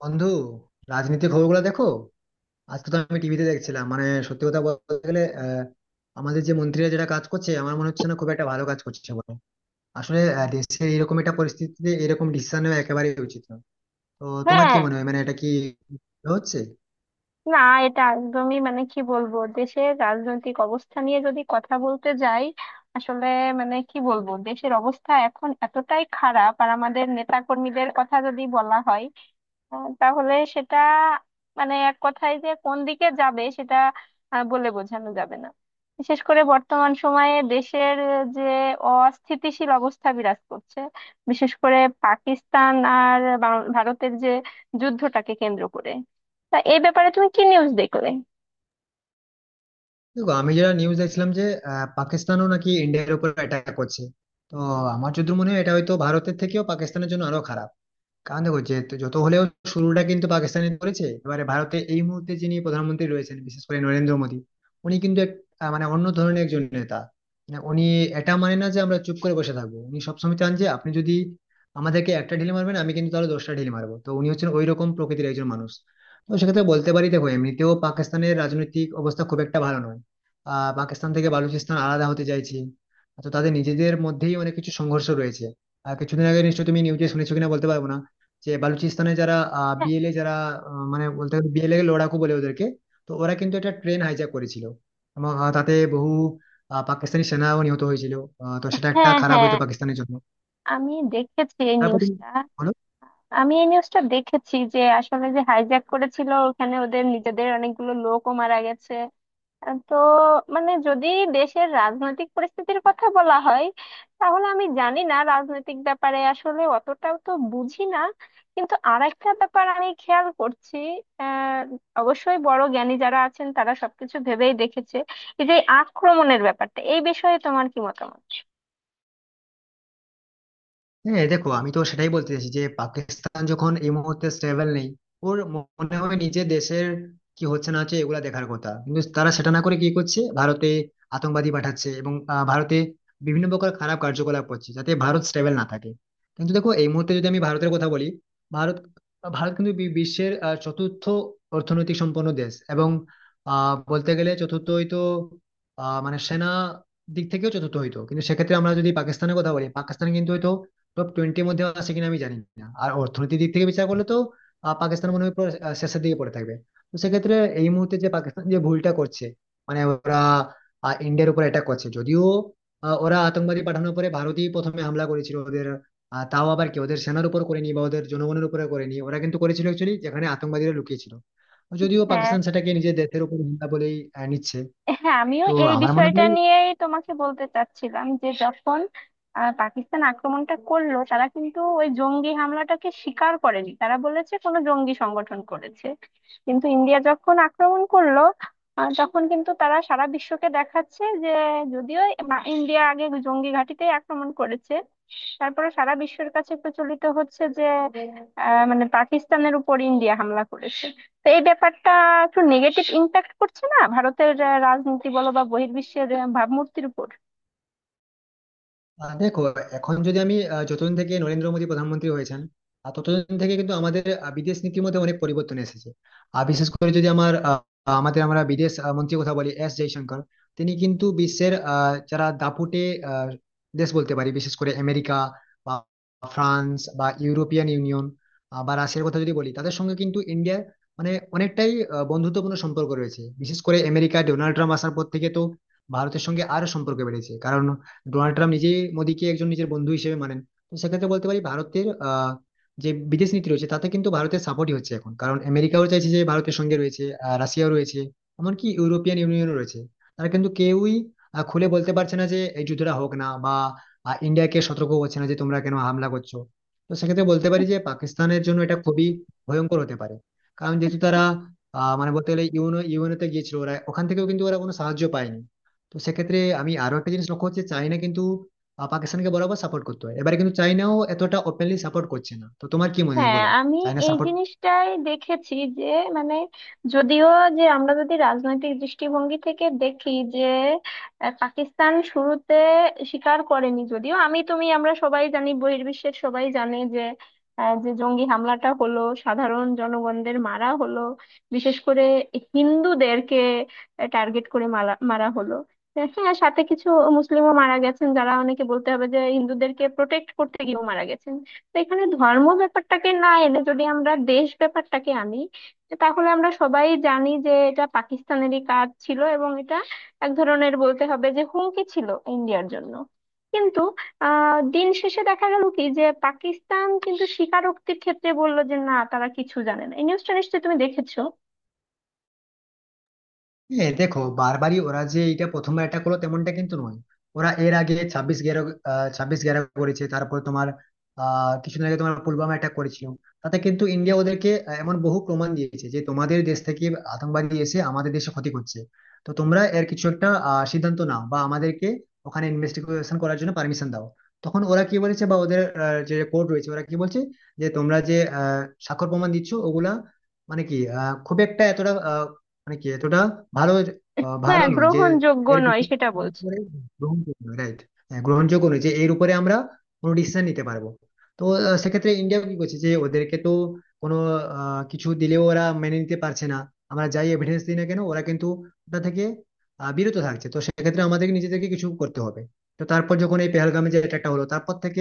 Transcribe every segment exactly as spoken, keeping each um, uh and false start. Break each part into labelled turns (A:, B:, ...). A: বন্ধু, রাজনীতির খবরগুলো দেখো। আজকে তো আমি টিভিতে দেখছিলাম মানে সত্যি কথা বলতে গেলে আহ, আমাদের যে মন্ত্রীরা যেটা কাজ করছে আমার মনে হচ্ছে না খুব একটা ভালো কাজ করছে বলে। আসলে আহ, দেশে এরকম একটা পরিস্থিতিতে এরকম ডিসিশন নেওয়া একেবারেই উচিত না। তো তোমার কি
B: হ্যাঁ।
A: মনে হয় মানে এটা কি হচ্ছে?
B: না, এটা একদমই, মানে কি বলবো, দেশের রাজনৈতিক অবস্থা নিয়ে যদি কথা বলতে যাই আসলে, মানে কি বলবো, দেশের অবস্থা এখন এতটাই খারাপ। আর আমাদের নেতা কর্মীদের কথা যদি বলা হয় আহ, তাহলে সেটা মানে এক কথায় যে কোন দিকে যাবে সেটা আহ, বলে বোঝানো যাবে না। বিশেষ করে বর্তমান সময়ে দেশের আহ, যে অস্থিতিশীল অবস্থা বিরাজ করছে, বিশেষ করে পাকিস্তান আর বা- ভারতের যে যুদ্ধটাকে কেন্দ্র করে। তা এই ব্যাপারে তুমি কি নিউজ দেখলে?
A: দেখো আমি যেটা নিউজ দেখছিলাম যে আহ, পাকিস্তানও নাকি ইন্ডিয়ার উপর অ্যাটাক করছে। তো আমার যদি মনে হয় এটা হয়তো ভারতের থেকেও পাকিস্তানের জন্য আরো খারাপ। কারণ দেখো যে যত হলেও শুরুটা কিন্তু পাকিস্তানি করেছে। এবারে ভারতে এই মুহূর্তে যিনি প্রধানমন্ত্রী রয়েছেন বিশেষ করে নরেন্দ্র মোদী, উনি কিন্তু এক আহ, মানে অন্য ধরনের একজন নেতা। মানে উনি এটা মানে না যে আমরা চুপ করে বসে থাকবো, উনি সবসময় চান যে আপনি যদি আমাদেরকে একটা ঢিল মারবেন আমি কিন্তু তাহলে দশটা ঢিল মারবো। তো উনি হচ্ছেন ওই রকম প্রকৃতির একজন মানুষ। তো সেক্ষেত্রে বলতে পারি, দেখো, এমনিতেও পাকিস্তানের রাজনৈতিক অবস্থা খুব একটা ভালো নয়। আহ পাকিস্তান থেকে বালুচিস্তান আলাদা হতে চাইছে। তো তাদের নিজেদের মধ্যেই অনেক কিছু সংঘর্ষ রয়েছে। আহ, কিছুদিন আগে নিশ্চয়ই তুমি নিউজে শুনেছো কিনা বলতে পারবো না যে বালুচিস্তানে যারা
B: হ্যাঁ
A: বিএলএ যারা আহ, মানে বলতে গেলে বিএলএ লড়াকু বলে ওদেরকে। তো ওরা কিন্তু একটা ট্রেন হাইজ্যাক করেছিল এবং আহ, তাতে বহু আহ, পাকিস্তানি সেনাও নিহত হয়েছিল। আহ, তো সেটা একটা
B: হ্যাঁ,
A: খারাপ
B: হ্যাঁ,
A: হইতো পাকিস্তানের জন্য।
B: আমি দেখেছি এই
A: তারপর তুমি
B: নিউজটা।
A: বলো।
B: আমি এই নিউজটা দেখেছি যে আসলে যে হাইজ্যাক করেছিল, ওখানে ওদের নিজেদের অনেকগুলো লোকও মারা গেছে। আহ, তো মানে যদি দেশের রাজনৈতিক পরিস্থিতির কথা বলা হয়, তাহলে আমি জানি না, রাজনৈতিক ব্যাপারে আসলে অতটাও তো বুঝি না। কিন্তু আরেকটা ব্যাপার আমি খেয়াল করছি, আহ অবশ্যই বড় জ্ঞানী যারা আছেন তারা সবকিছু ভেবেই দেখেছে। এই যে আক্রমণের ব্যাপারটা, এই বিষয়ে তোমার কি মতামত?
A: হ্যাঁ দেখো আমি তো সেটাই বলতে চাইছি যে পাকিস্তান যখন এই মুহূর্তে স্টেবল নেই। ওর মনে হয় নিজের দেশের কি হচ্ছে না হচ্ছে এগুলা দেখার কথা, কিন্তু তারা সেটা না করে কি করছে, ভারতে আতঙ্কবাদী পাঠাচ্ছে এবং আহ, ভারতে বিভিন্ন প্রকার খারাপ কার্যকলাপ করছে যাতে ভারত স্টেবল না থাকে। কিন্তু দেখো এই মুহূর্তে যদি আমি ভারতের কথা বলি, ভারত ভারত কিন্তু বি- বিশ্বের আহ, চতুর্থ অর্থনৈতিক সম্পন্ন দেশ। এবং আহ বলতে গেলে চতুর্থ হয়তো আহ মানে সেনা দিক থেকেও চতুর্থ হইতো। কিন্তু সেক্ষেত্রে আমরা যদি পাকিস্তানের কথা বলি পাকিস্তান কিন্তু হয়তো টপ টোয়েন্টির মধ্যে আসে কিনা আমি জানি না। আর অর্থনীতির দিক থেকে বিচার করলে তো আহ, পাকিস্তান মনে হয় পুরো আহ, শেষের দিকে পড়ে থাকবে। তো সেক্ষেত্রে এই মুহূর্তে যে পাকিস্তান যে ভুলটা করছে মানে ওরা আহ, ইন্ডিয়ার উপর অ্যাটাক করছে, যদিও আহ, ওরা আতঙ্কবাদী পাঠানোর পরে ভারতই প্রথমে হামলা করেছিল ওদের। আহ, তাও আবার কি ওদের সেনার উপর করেনি বা ওদের জনগণের উপরে করেনি, ওরা কিন্তু করেছিল অ্যাকচুয়ালি যেখানে আতঙ্কবাদীরা লুকিয়েছিল। যদিও
B: হ্যাঁ,
A: পাকিস্তান সেটাকে নিজের দেশের উপর হামলা বলেই আহ, নিচ্ছে।
B: হ্যাঁ আমিও
A: তো
B: এই
A: আমার মনে
B: বিষয়টা
A: হয়
B: নিয়েই তোমাকে বলতে চাচ্ছিলাম যে যখন আহ, পাকিস্তান আক্রমণটা করলো, তারা কিন্তু ওই জঙ্গি হামলাটাকে স্বীকার করেনি, তারা বলেছে কোনো জঙ্গি সংগঠন করেছে। কিন্তু ইন্ডিয়া যখন আক্রমণ করলো, আহ, তখন কিন্তু তারা সারা বিশ্বকে দেখাচ্ছে যে যদিও মা- ইন্ডিয়া আগে জঙ্গি ঘাঁটিতেই আক্রমণ করেছে, তারপরে সারা বিশ্বের কাছে প্রচলিত হচ্ছে যে আহ, মানে পাকিস্তানের উপর ইন্ডিয়া হামলা করেছে। তো এই ব্যাপারটা একটু নেগেটিভ ইম্প্যাক্ট করছে না ভারতের আহ, রাজনীতি বলো বা বহির্বিশ্বের আহ, ভাবমূর্তির উপর?
A: আহ দেখো এখন যদি আমি আহ, যতদিন থেকে নরেন্দ্র মোদী প্রধানমন্ত্রী হয়েছেন আহ, ততদিন থেকে কিন্তু আমাদের আহ, বিদেশ নীতির মধ্যে অনেক পরিবর্তন এসেছে। আর বিশেষ করে যদি আমার আহ, আমাদের আমরা বিদেশ আহ, মন্ত্রীর কথা বলি এস জয়শঙ্কর। তিনি কিন্তু বিশ্বের আহ, যারা দাপুটে আহ, দেশ বলতে পারি বিশেষ করে আমেরিকা বা ফ্রান্স বা ইউরোপিয়ান ইউনিয়ন আহ, বা রাশিয়ার কথা যদি বলি তাদের সঙ্গে কিন্তু ইন্ডিয়ার মানে অনেকটাই আহ, বন্ধুত্বপূর্ণ সম্পর্ক রয়েছে। বিশেষ করে আমেরিকা, ডোনাল্ড ট্রাম্প আসার পর থেকে তো ভারতের সঙ্গে আরো সম্পর্ক বেড়েছে, কারণ ডোনাল্ড ট্রাম্প নিজেই মোদীকে একজন নিজের বন্ধু হিসেবে মানেন। তো সেক্ষেত্রে বলতে পারি ভারতের আহ, যে বিদেশ নীতি রয়েছে তাতে কিন্তু ভারতের সাপোর্টই হচ্ছে এখন, কারণ আমেরিকাও চাইছে যে ভারতের সঙ্গে রয়েছে, আহ, রাশিয়াও রয়েছে, এমনকি ইউরোপিয়ান ইউনিয়নও রয়েছে। তারা কিন্তু কেউই আহ, খুলে বলতে পারছে না যে এই যুদ্ধটা হোক না বা আহ, ইন্ডিয়াকে সতর্ক করছে না যে তোমরা কেন হামলা করছো। তো সেক্ষেত্রে বলতে পারি যে পাকিস্তানের জন্য এটা খুবই ভয়ঙ্কর হতে পারে। কারণ যেহেতু তারা আহ, মানে বলতে গেলে ইউনো ইউএনওতে গিয়েছিল, ওরা ওখান থেকেও কিন্তু ওরা কোনো সাহায্য পায়নি। তো সেক্ষেত্রে আমি আরো একটা জিনিস লক্ষ্য হচ্ছে, চায়না কিন্তু আহ, পাকিস্তানকে বরাবর সাপোর্ট করতে হয়, এবারে কিন্তু চায়নাও এতটা ওপেনলি সাপোর্ট করছে না। তো তোমার কি মনে হয়
B: হ্যাঁ,
A: বলো,
B: আমি
A: চায়না
B: এই
A: সাপোর্ট?
B: জিনিসটাই দেখেছি যে, মানে যদিও, যে আমরা যদি রাজনৈতিক দৃষ্টিভঙ্গি থেকে দেখি যে আহ, পাকিস্তান শুরুতে স্বীকার করেনি, যদিও আমি তুমি আমরা সবাই জানি, বহির্বিশ্বের সবাই জানে যে আহ, যে জঙ্গি হামলাটা হলো, সাধারণ জনগণদের মারা হলো, বিশেষ করে হিন্দুদেরকে টার্গেট করে মারা মারা হলো। আহ, হ্যাঁ, সাথে কিছু মুসলিমও মারা গেছেন, যারা অনেকে বলতে হবে যে হিন্দুদেরকে প্রোটেক্ট করতে গিয়েও মারা গেছেন। তো এখানে ধর্ম ব্যাপারটাকে না এনে যদি আমরা দেশ ব্যাপারটাকে আনি, তাহলে আমরা সবাই জানি যে এটা পাকিস্তানেরই কাজ ছিল, এবং এটা এক ধরনের বলতে হবে যে হুমকি ছিল ইন্ডিয়ার জন্য। কিন্তু আহ দিন শেষে দেখা গেল কি যে পাকিস্তান কিন্তু স্বীকারোক্তির ক্ষেত্রে বললো যে না, তারা কিছু জানে না। এই নিউজটা নিশ্চয়ই তুমি দেখেছো।
A: হ্যাঁ দেখো বারবারই ওরা যে এটা প্রথমবার এটা করলো তেমনটা কিন্তু নয়। ওরা এর আগে ছাব্বিশ গ্যারো আহ, ছাব্বিশ গ্যারো করেছে। তারপর তোমার আহ কিছুদিন আগে তোমার পুলওয়ামা অ্যাটাক করেছিল। তাতে কিন্তু ইন্ডিয়া ওদেরকে আহ, এমন বহু প্রমাণ দিয়েছে যে তোমাদের দেশ থেকে আতঙ্কবাদী এসে আমাদের দেশে ক্ষতি করছে। তো তোমরা এর কিছু একটা আহ, সিদ্ধান্ত নাও বা আমাদেরকে ওখানে ইনভেস্টিগেশন করার জন্য পারমিশন দাও। তখন ওরা কি বলেছে বা ওদের আহ, যে কোর্ট রয়েছে ওরা কি বলছে যে তোমরা যে আহ, স্বাক্ষর প্রমাণ দিচ্ছ ওগুলা মানে কি আহ, খুব একটা এতটা মানে কি এতটা ভালো আহ, ভালো
B: হ্যাঁ,
A: নয় যে
B: গ্রহণযোগ্য
A: এর
B: নয়
A: বিষয়ে
B: সেটা বলছে।
A: উপরে গ্রহণযোগ্য নয়, রাইট? হ্যাঁ গ্রহণযোগ্য নয় যে এর উপরে আমরা কোনো ডিসিশন নিতে পারবো। তো আহ, সেক্ষেত্রে ইন্ডিয়া কি করছে যে ওদেরকে তো কোনো আহ, কিছু দিলেও ওরা মেনে নিতে পারছে না, আমরা যাই এভিডেন্স দিই না কেন ওরা কিন্তু ওটা থেকে আহ, বিরত থাকছে। তো সেক্ষেত্রে আমাদেরকে নিজেদেরকে কিছু করতে হবে। তো তারপর যখন এই পেহেলগামে যে অ্যাটাকটা হলো তারপর থেকে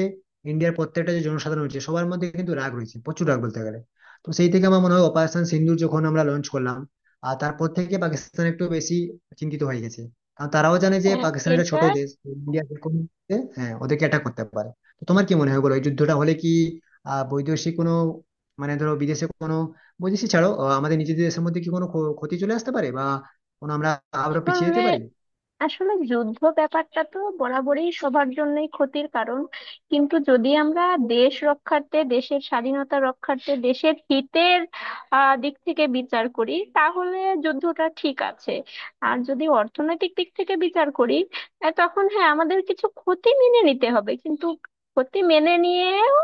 A: ইন্ডিয়ার প্রত্যেকটা যে জনসাধারণ রয়েছে সবার মধ্যে কিন্তু রাগ রয়েছে, প্রচুর রাগ বলতে গেলে। তো সেই থেকে আমার মনে হয় অপারেশন সিন্দুর যখন আমরা লঞ্চ করলাম, আর তারপর থেকে পাকিস্তান একটু বেশি চিন্তিত হয়ে গেছে। কারণ তারাও জানে যে
B: হ্যাঁ।
A: পাকিস্তান একটা ছোট
B: এটা
A: দেশ, ইন্ডিয়া যেরকম দেশে, হ্যাঁ ওদেরকে অ্যাটাক করতে পারে। তো তোমার কি মনে হয় বলো এই যুদ্ধটা হলে কি আহ বৈদেশিক কোনো মানে ধরো বিদেশে কোনো বৈদেশিক ছাড়ো আহ, আমাদের নিজেদের দেশের মধ্যে কি কোনো ক্ষ- ক্ষতি চলে আসতে পারে বা কোনো আমরা আরো পিছিয়ে
B: আসলে,
A: যেতে পারি?
B: আসলে যুদ্ধ ব্যাপারটা তো বরাবরই সবার জন্যই ক্ষতির কারণ। কিন্তু যদি আমরা দেশ রক্ষার্থে, দেশের স্বাধীনতা রক্ষার্থে, দেশের হিতের আহ, দিক থেকে বিচার করি, তাহলে যুদ্ধটা ঠিক আছে। আর যদি অর্থনৈতিক দিক থেকে বিচার করি, আহ, তখন হ্যাঁ, আমাদের কিছু ক্ষতি মেনে নিতে হবে। কিন্তু ক্ষতি মেনে নিয়েও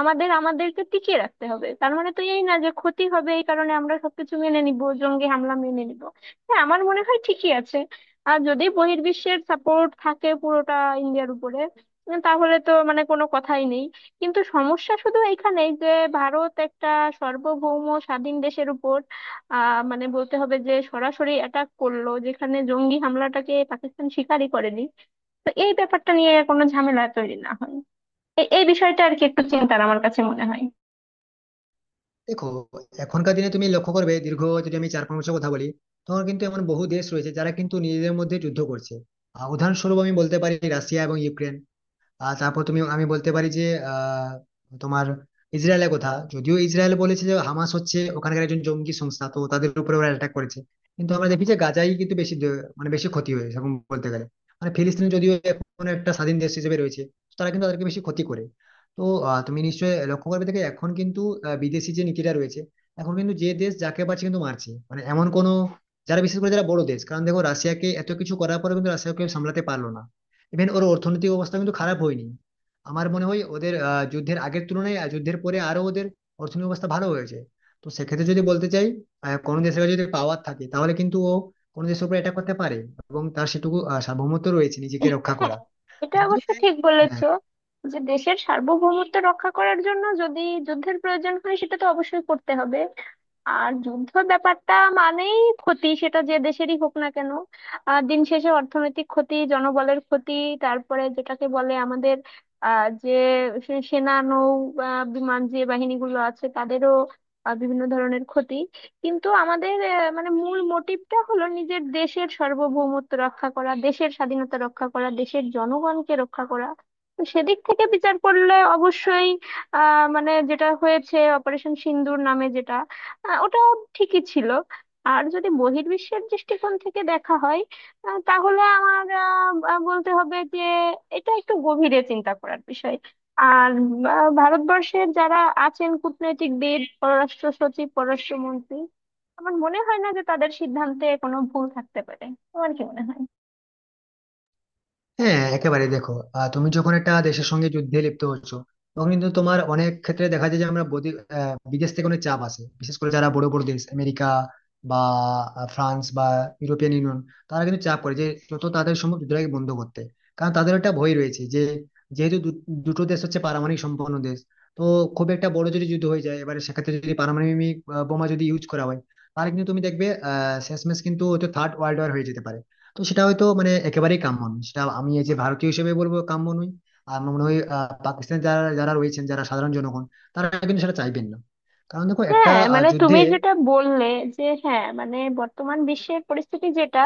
B: আমাদের আমাদেরকে টিকিয়ে রাখতে হবে। তার মানে তো এই না যে ক্ষতি হবে এই কারণে আমরা সবকিছু মেনে নিব, জঙ্গি হামলা মেনে নিব। হ্যাঁ, আমার মনে হয় ঠিকই আছে। আর যদি বহির্বিশ্বের সাপোর্ট থাকে পুরোটা ইন্ডিয়ার উপরে, উম, তাহলে তো মানে কোনো কথাই নেই। কিন্তু সমস্যা শুধু এখানেই যে ভারত একটা সার্বভৌম স্বাধীন দেশের উপর আহ মানে বলতে হবে যে সরাসরি অ্যাটাক করলো, যেখানে জঙ্গি হামলাটাকে পাকিস্তান স্বীকারই করেনি। তো এই ব্যাপারটা নিয়ে কোনো ঝামেলা তৈরি না হয়, এ- এই বিষয়টা আর কি একটু চিন্তার আমার কাছে মনে হয়।
A: দেখো এখনকার দিনে তুমি লক্ষ্য করবে, দীর্ঘ যদি আমি চার পাঁচ বছর কথা বলি তখন কিন্তু এমন বহু দেশ রয়েছে যারা কিন্তু নিজেদের মধ্যে যুদ্ধ করছে। আহ, উদাহরণস্বরূপ আমি বলতে পারি রাশিয়া এবং ইউক্রেন। আহ তারপর তুমি আমি বলতে পারি যে আহ তোমার ইসরায়েলের কথা, যদিও ইসরায়েল বলেছে যে হামাস হচ্ছে ওখানকার একজন জঙ্গি সংস্থা তো তাদের উপরে ওরা অ্যাটাক করেছে। কিন্তু আমরা দেখি যে গাজায় কিন্তু বেশি দ- মানে বেশি ক্ষতি হয়েছে সেরকম বলতে গেলে। মানে ফিলিস্তিন যদিও এখন একটা স্বাধীন দেশ হিসেবে রয়েছে, তারা কিন্তু তাদেরকে বেশি ক্ষতি করে। তো আহ, তুমি নিশ্চয়ই লক্ষ্য করবে দেখে এখন কিন্তু আহ, বিদেশি যে নীতিটা রয়েছে এখন কিন্তু যে দেশ যাকে পারছে কিন্তু মারছে মানে এমন কোনো যারা বিশেষ করে যারা বড় দেশ। কারণ দেখো রাশিয়াকে এত কিছু করার পরে কিন্তু রাশিয়াকে সামলাতে পারলো না। ইভেন ওর অর্থনৈতিক অবস্থা কিন্তু খারাপ হয়নি। আমার মনে হয় ওদের আহ, যুদ্ধের আগের তুলনায় আর যুদ্ধের পরে আরো ওদের অর্থনৈতিক অবস্থা ভালো হয়েছে। তো সেক্ষেত্রে যদি বলতে চাই আহ, কোনো দেশের কাছে যদি পাওয়ার থাকে তাহলে কিন্তু ও কোনো দেশের উপর এটা করতে পারে, এবং তার সেটুকু আহ, সার্বভৌমত্ব রয়েছে নিজেকে রক্ষা
B: হ্যাঁ,
A: করা।
B: এটা
A: যদিও
B: অবশ্য ঠিক
A: হ্যাঁ,
B: বলেছো যে দেশের সার্বভৌমত্ব রক্ষা করার জন্য যদি যুদ্ধের প্রয়োজন হয় সেটা তো অবশ্যই করতে হবে। আর যুদ্ধ ব্যাপারটা মানেই ক্ষতি, সেটা যে দেশেরই হোক না কেন। আহ দিন শেষে অর্থনৈতিক ক্ষতি, জনবলের ক্ষতি, তারপরে যেটাকে বলে আমাদের আহ যে সে- সেনা, নৌ, আহ, বিমান যে বাহিনীগুলো আছে, তাদেরও আহ, বিভিন্ন ধরনের ক্ষতি। কিন্তু আমাদের আহ, মানে মূল মোটিভটা হলো নিজের দেশের সার্বভৌমত্ব রক্ষা করা, দেশের স্বাধীনতা রক্ষা করা, দেশের জনগণকে রক্ষা করা। তো সেদিক থেকে বিচার করলে অবশ্যই আহ মানে যেটা হয়েছে অপারেশন সিন্দুর নামে, যেটা আহ, ওটা ঠিকই ছিল। আর যদি বহির্বিশ্বের দৃষ্টিকোণ থেকে দেখা হয়, আহ, তাহলে আমার আহ, আহ, বলতে হবে যে এটা একটু গভীরে চিন্তা করার বিষয়। আর আহ, ভারতবর্ষের যারা আছেন কূটনৈতিকবিদ, পররাষ্ট্র সচিব, পররাষ্ট্র মন্ত্রী, আমার মনে হয় না যে তাদের সিদ্ধান্তে কোনো ভুল থাকতে পারে। তোমার কি মনে হয়?
A: হ্যাঁ, একেবারে দেখো আহ, তুমি যখন একটা দেশের সঙ্গে যুদ্ধে লিপ্ত হচ্ছ তখন কিন্তু তোমার অনেক ক্ষেত্রে দেখা যায় যে আমরা বদি- আহ, বিদেশ থেকে অনেক চাপ আসে বিশেষ করে যারা বড় বড় দেশ আমেরিকা বা আহ, ফ্রান্স বা ইউরোপিয়ান ইউনিয়ন। তারা কিন্তু চাপ করে যে যত তাড়াতাড়ি সম্ভব যুদ্ধটাকে বন্ধ করতে। কারণ তাদের একটা ভয় রয়েছে যে যেহেতু দু- দুটো দেশ হচ্ছে পারমাণবিক সম্পন্ন দেশ। তো খুব একটা বড় যদি যুদ্ধ হয়ে যায় এবারে সেক্ষেত্রে যদি পারমাণবিক আহ, বোমা যদি ইউজ করা হয় তাহলে কিন্তু তুমি দেখবে আহ শেষমেশ কিন্তু হয়তো থার্ড ওয়ার্ল্ড ওয়ার হয়ে যেতে পারে। তো সেটা হয়তো মানে একেবারেই কাম্য নয়, সেটা আমি এই যে ভারতীয় হিসেবে বলবো কাম্য নয়। আর আমার মনে হয় আহ, পাকিস্তানে যারা যারা রয়েছেন যারা সাধারণ জনগণ তারা কিন্তু সেটা চাইবেন না। কারণ দেখো একটা
B: হ্যাঁ,
A: আহ,
B: মানে
A: যুদ্ধে।
B: তুমি যেটা বললে যে হ্যাঁ, মানে বর্তমান বিশ্বের পরিস্থিতি যেটা,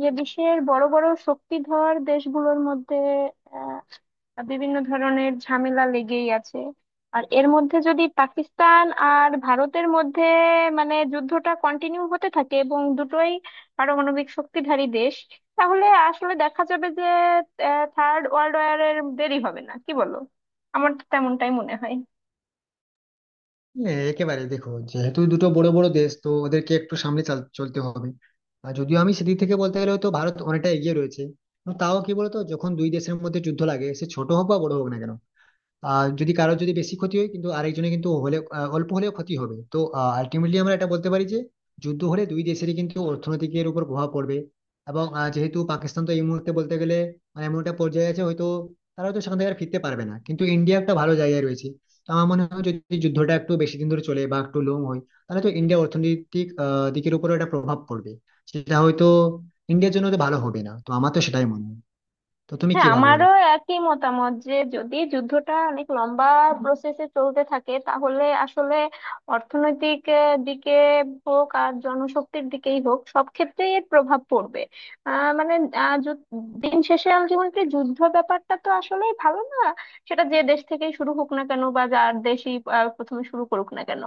B: যে বিশ্বের বড় বড় শক্তিধর দেশগুলোর মধ্যে বিভিন্ন ধরনের ঝামেলা লেগেই আছে। আর এর মধ্যে যদি পাকিস্তান আর ভারতের মধ্যে মানে যুদ্ধটা কন্টিনিউ হতে থাকে, এবং দুটোই পারমাণবিক শক্তিধারী দেশ, তাহলে আসলে দেখা যাবে যে থার্ড ওয়ার্ল্ড ওয়ার এর দেরি হবে না। কি বলো? আমার তো তেমনটাই মনে হয়।
A: হ্যাঁ, একেবারে দেখো যেহেতু দুটো বড় বড় দেশ তো ওদেরকে একটু সামনে চাল- চলতে হবে। আর যদিও আমি সেদিক থেকে বলতে গেলে হয়তো ভারত অনেকটা এগিয়ে রয়েছে, কিন্তু তাও কি বলতো যখন দুই দেশের মধ্যে যুদ্ধ লাগে সে ছোট হোক বা বড় হোক না কেন, আর যদি কারোর যদি বেশি ক্ষতি হয় কিন্তু আরেকজনের কিন্তু হলে আহ, অল্প হলেও ক্ষতি হবে। তো আলটিমেটলি আমরা এটা বলতে পারি যে যুদ্ধ হলে দুই দেশেরই কিন্তু অর্থনীতির উপর প্রভাব পড়বে। এবং আহ, যেহেতু পাকিস্তান তো এই মুহূর্তে বলতে গেলে মানে এমন একটা পর্যায়ে আছে হয়তো তারা হয়তো সেখান থেকে আর ফিরতে পারবে না, কিন্তু ইন্ডিয়া একটা ভালো জায়গায় রয়েছে। তো আমার মনে হয় যদি যুদ্ধটা একটু বেশি দিন ধরে চলে বা একটু লং হয় তাহলে তো ইন্ডিয়া অর্থনৈতিক আহ, দিকের উপরও একটা প্রভাব পড়বে। সেটা হয়তো ইন্ডিয়ার জন্য তো ভালো হবে না, তো আমার তো সেটাই মনে হয়। তো তুমি কি
B: হ্যাঁ,
A: ভাবো বলো?
B: আমারও একই মতামত যে যদি যুদ্ধটা অনেক লম্বা প্রসেসে চলতে থাকে, তাহলে আসলে অর্থনৈতিক আহ, দিকে হোক, আর জনশক্তির দিকেই হোক, সব ক্ষেত্রেই এর প্রভাব পড়বে। আহ, মানে আহ, যু- দিন শেষে আলটিমেটলি যুদ্ধ ব্যাপারটা তো আসলেই ভালো না, সেটা যে দেশ থেকেই শুরু হোক না কেন, বা যার দেশই আহ, প্রথমে শুরু করুক না কেন।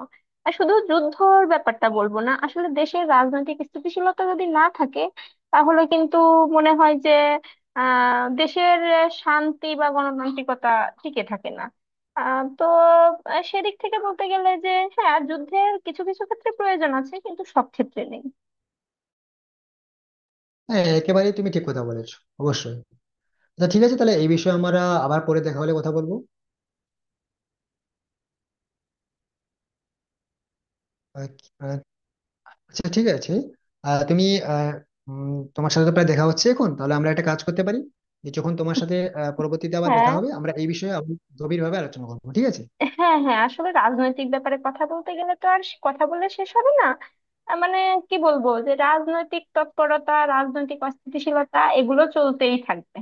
B: আর শুধু যুদ্ধর ব্যাপারটা বলবো না, আসলে দেশের রাজনৈতিক স্থিতিশীলতা যদি না থাকে, তাহলে কিন্তু মনে হয় যে আহ দেশের আহ, শান্তি বা গণতান্ত্রিকতা টিকে থাকে না। আহ, তো আহ, সেদিক থেকে বলতে গেলে যে হ্যাঁ, যুদ্ধের কিছু কিছু ক্ষেত্রে প্রয়োজন আছে, কিন্তু সব ক্ষেত্রে নেই।
A: হ্যাঁ একেবারেই তুমি ঠিক কথা বলেছো, অবশ্যই। আচ্ছা ঠিক আছে তাহলে এই বিষয়ে আমরা আবার পরে দেখা হলে কথা বলবো। আহ, আহ, আচ্ছা ঠিক আছে। আহ, তুমি আহ, উম, তোমার সাথে তো প্রায় দেখা হচ্ছে এখন তাহলে আমরা একটা কাজ করতে পারি যে যখন তোমার সাথে আহ, পরবর্তীতে আবার দেখা
B: হ্যাঁ,
A: হবে আমরা এই বিষয়ে আবার গভীরভাবে আলোচনা করবো, ঠিক আছে?
B: হ্যাঁ হ্যাঁ আসলে রাজনৈতিক ব্যাপারে কথা বলতে গেলে তো আর সে- কথা বলে শেষ হবে না। আহ, মানে কি বলবো, যে রাজনৈতিক তৎপরতা, রাজনৈতিক অস্থিতিশীলতা, এগুলো চলতেই থাকবে।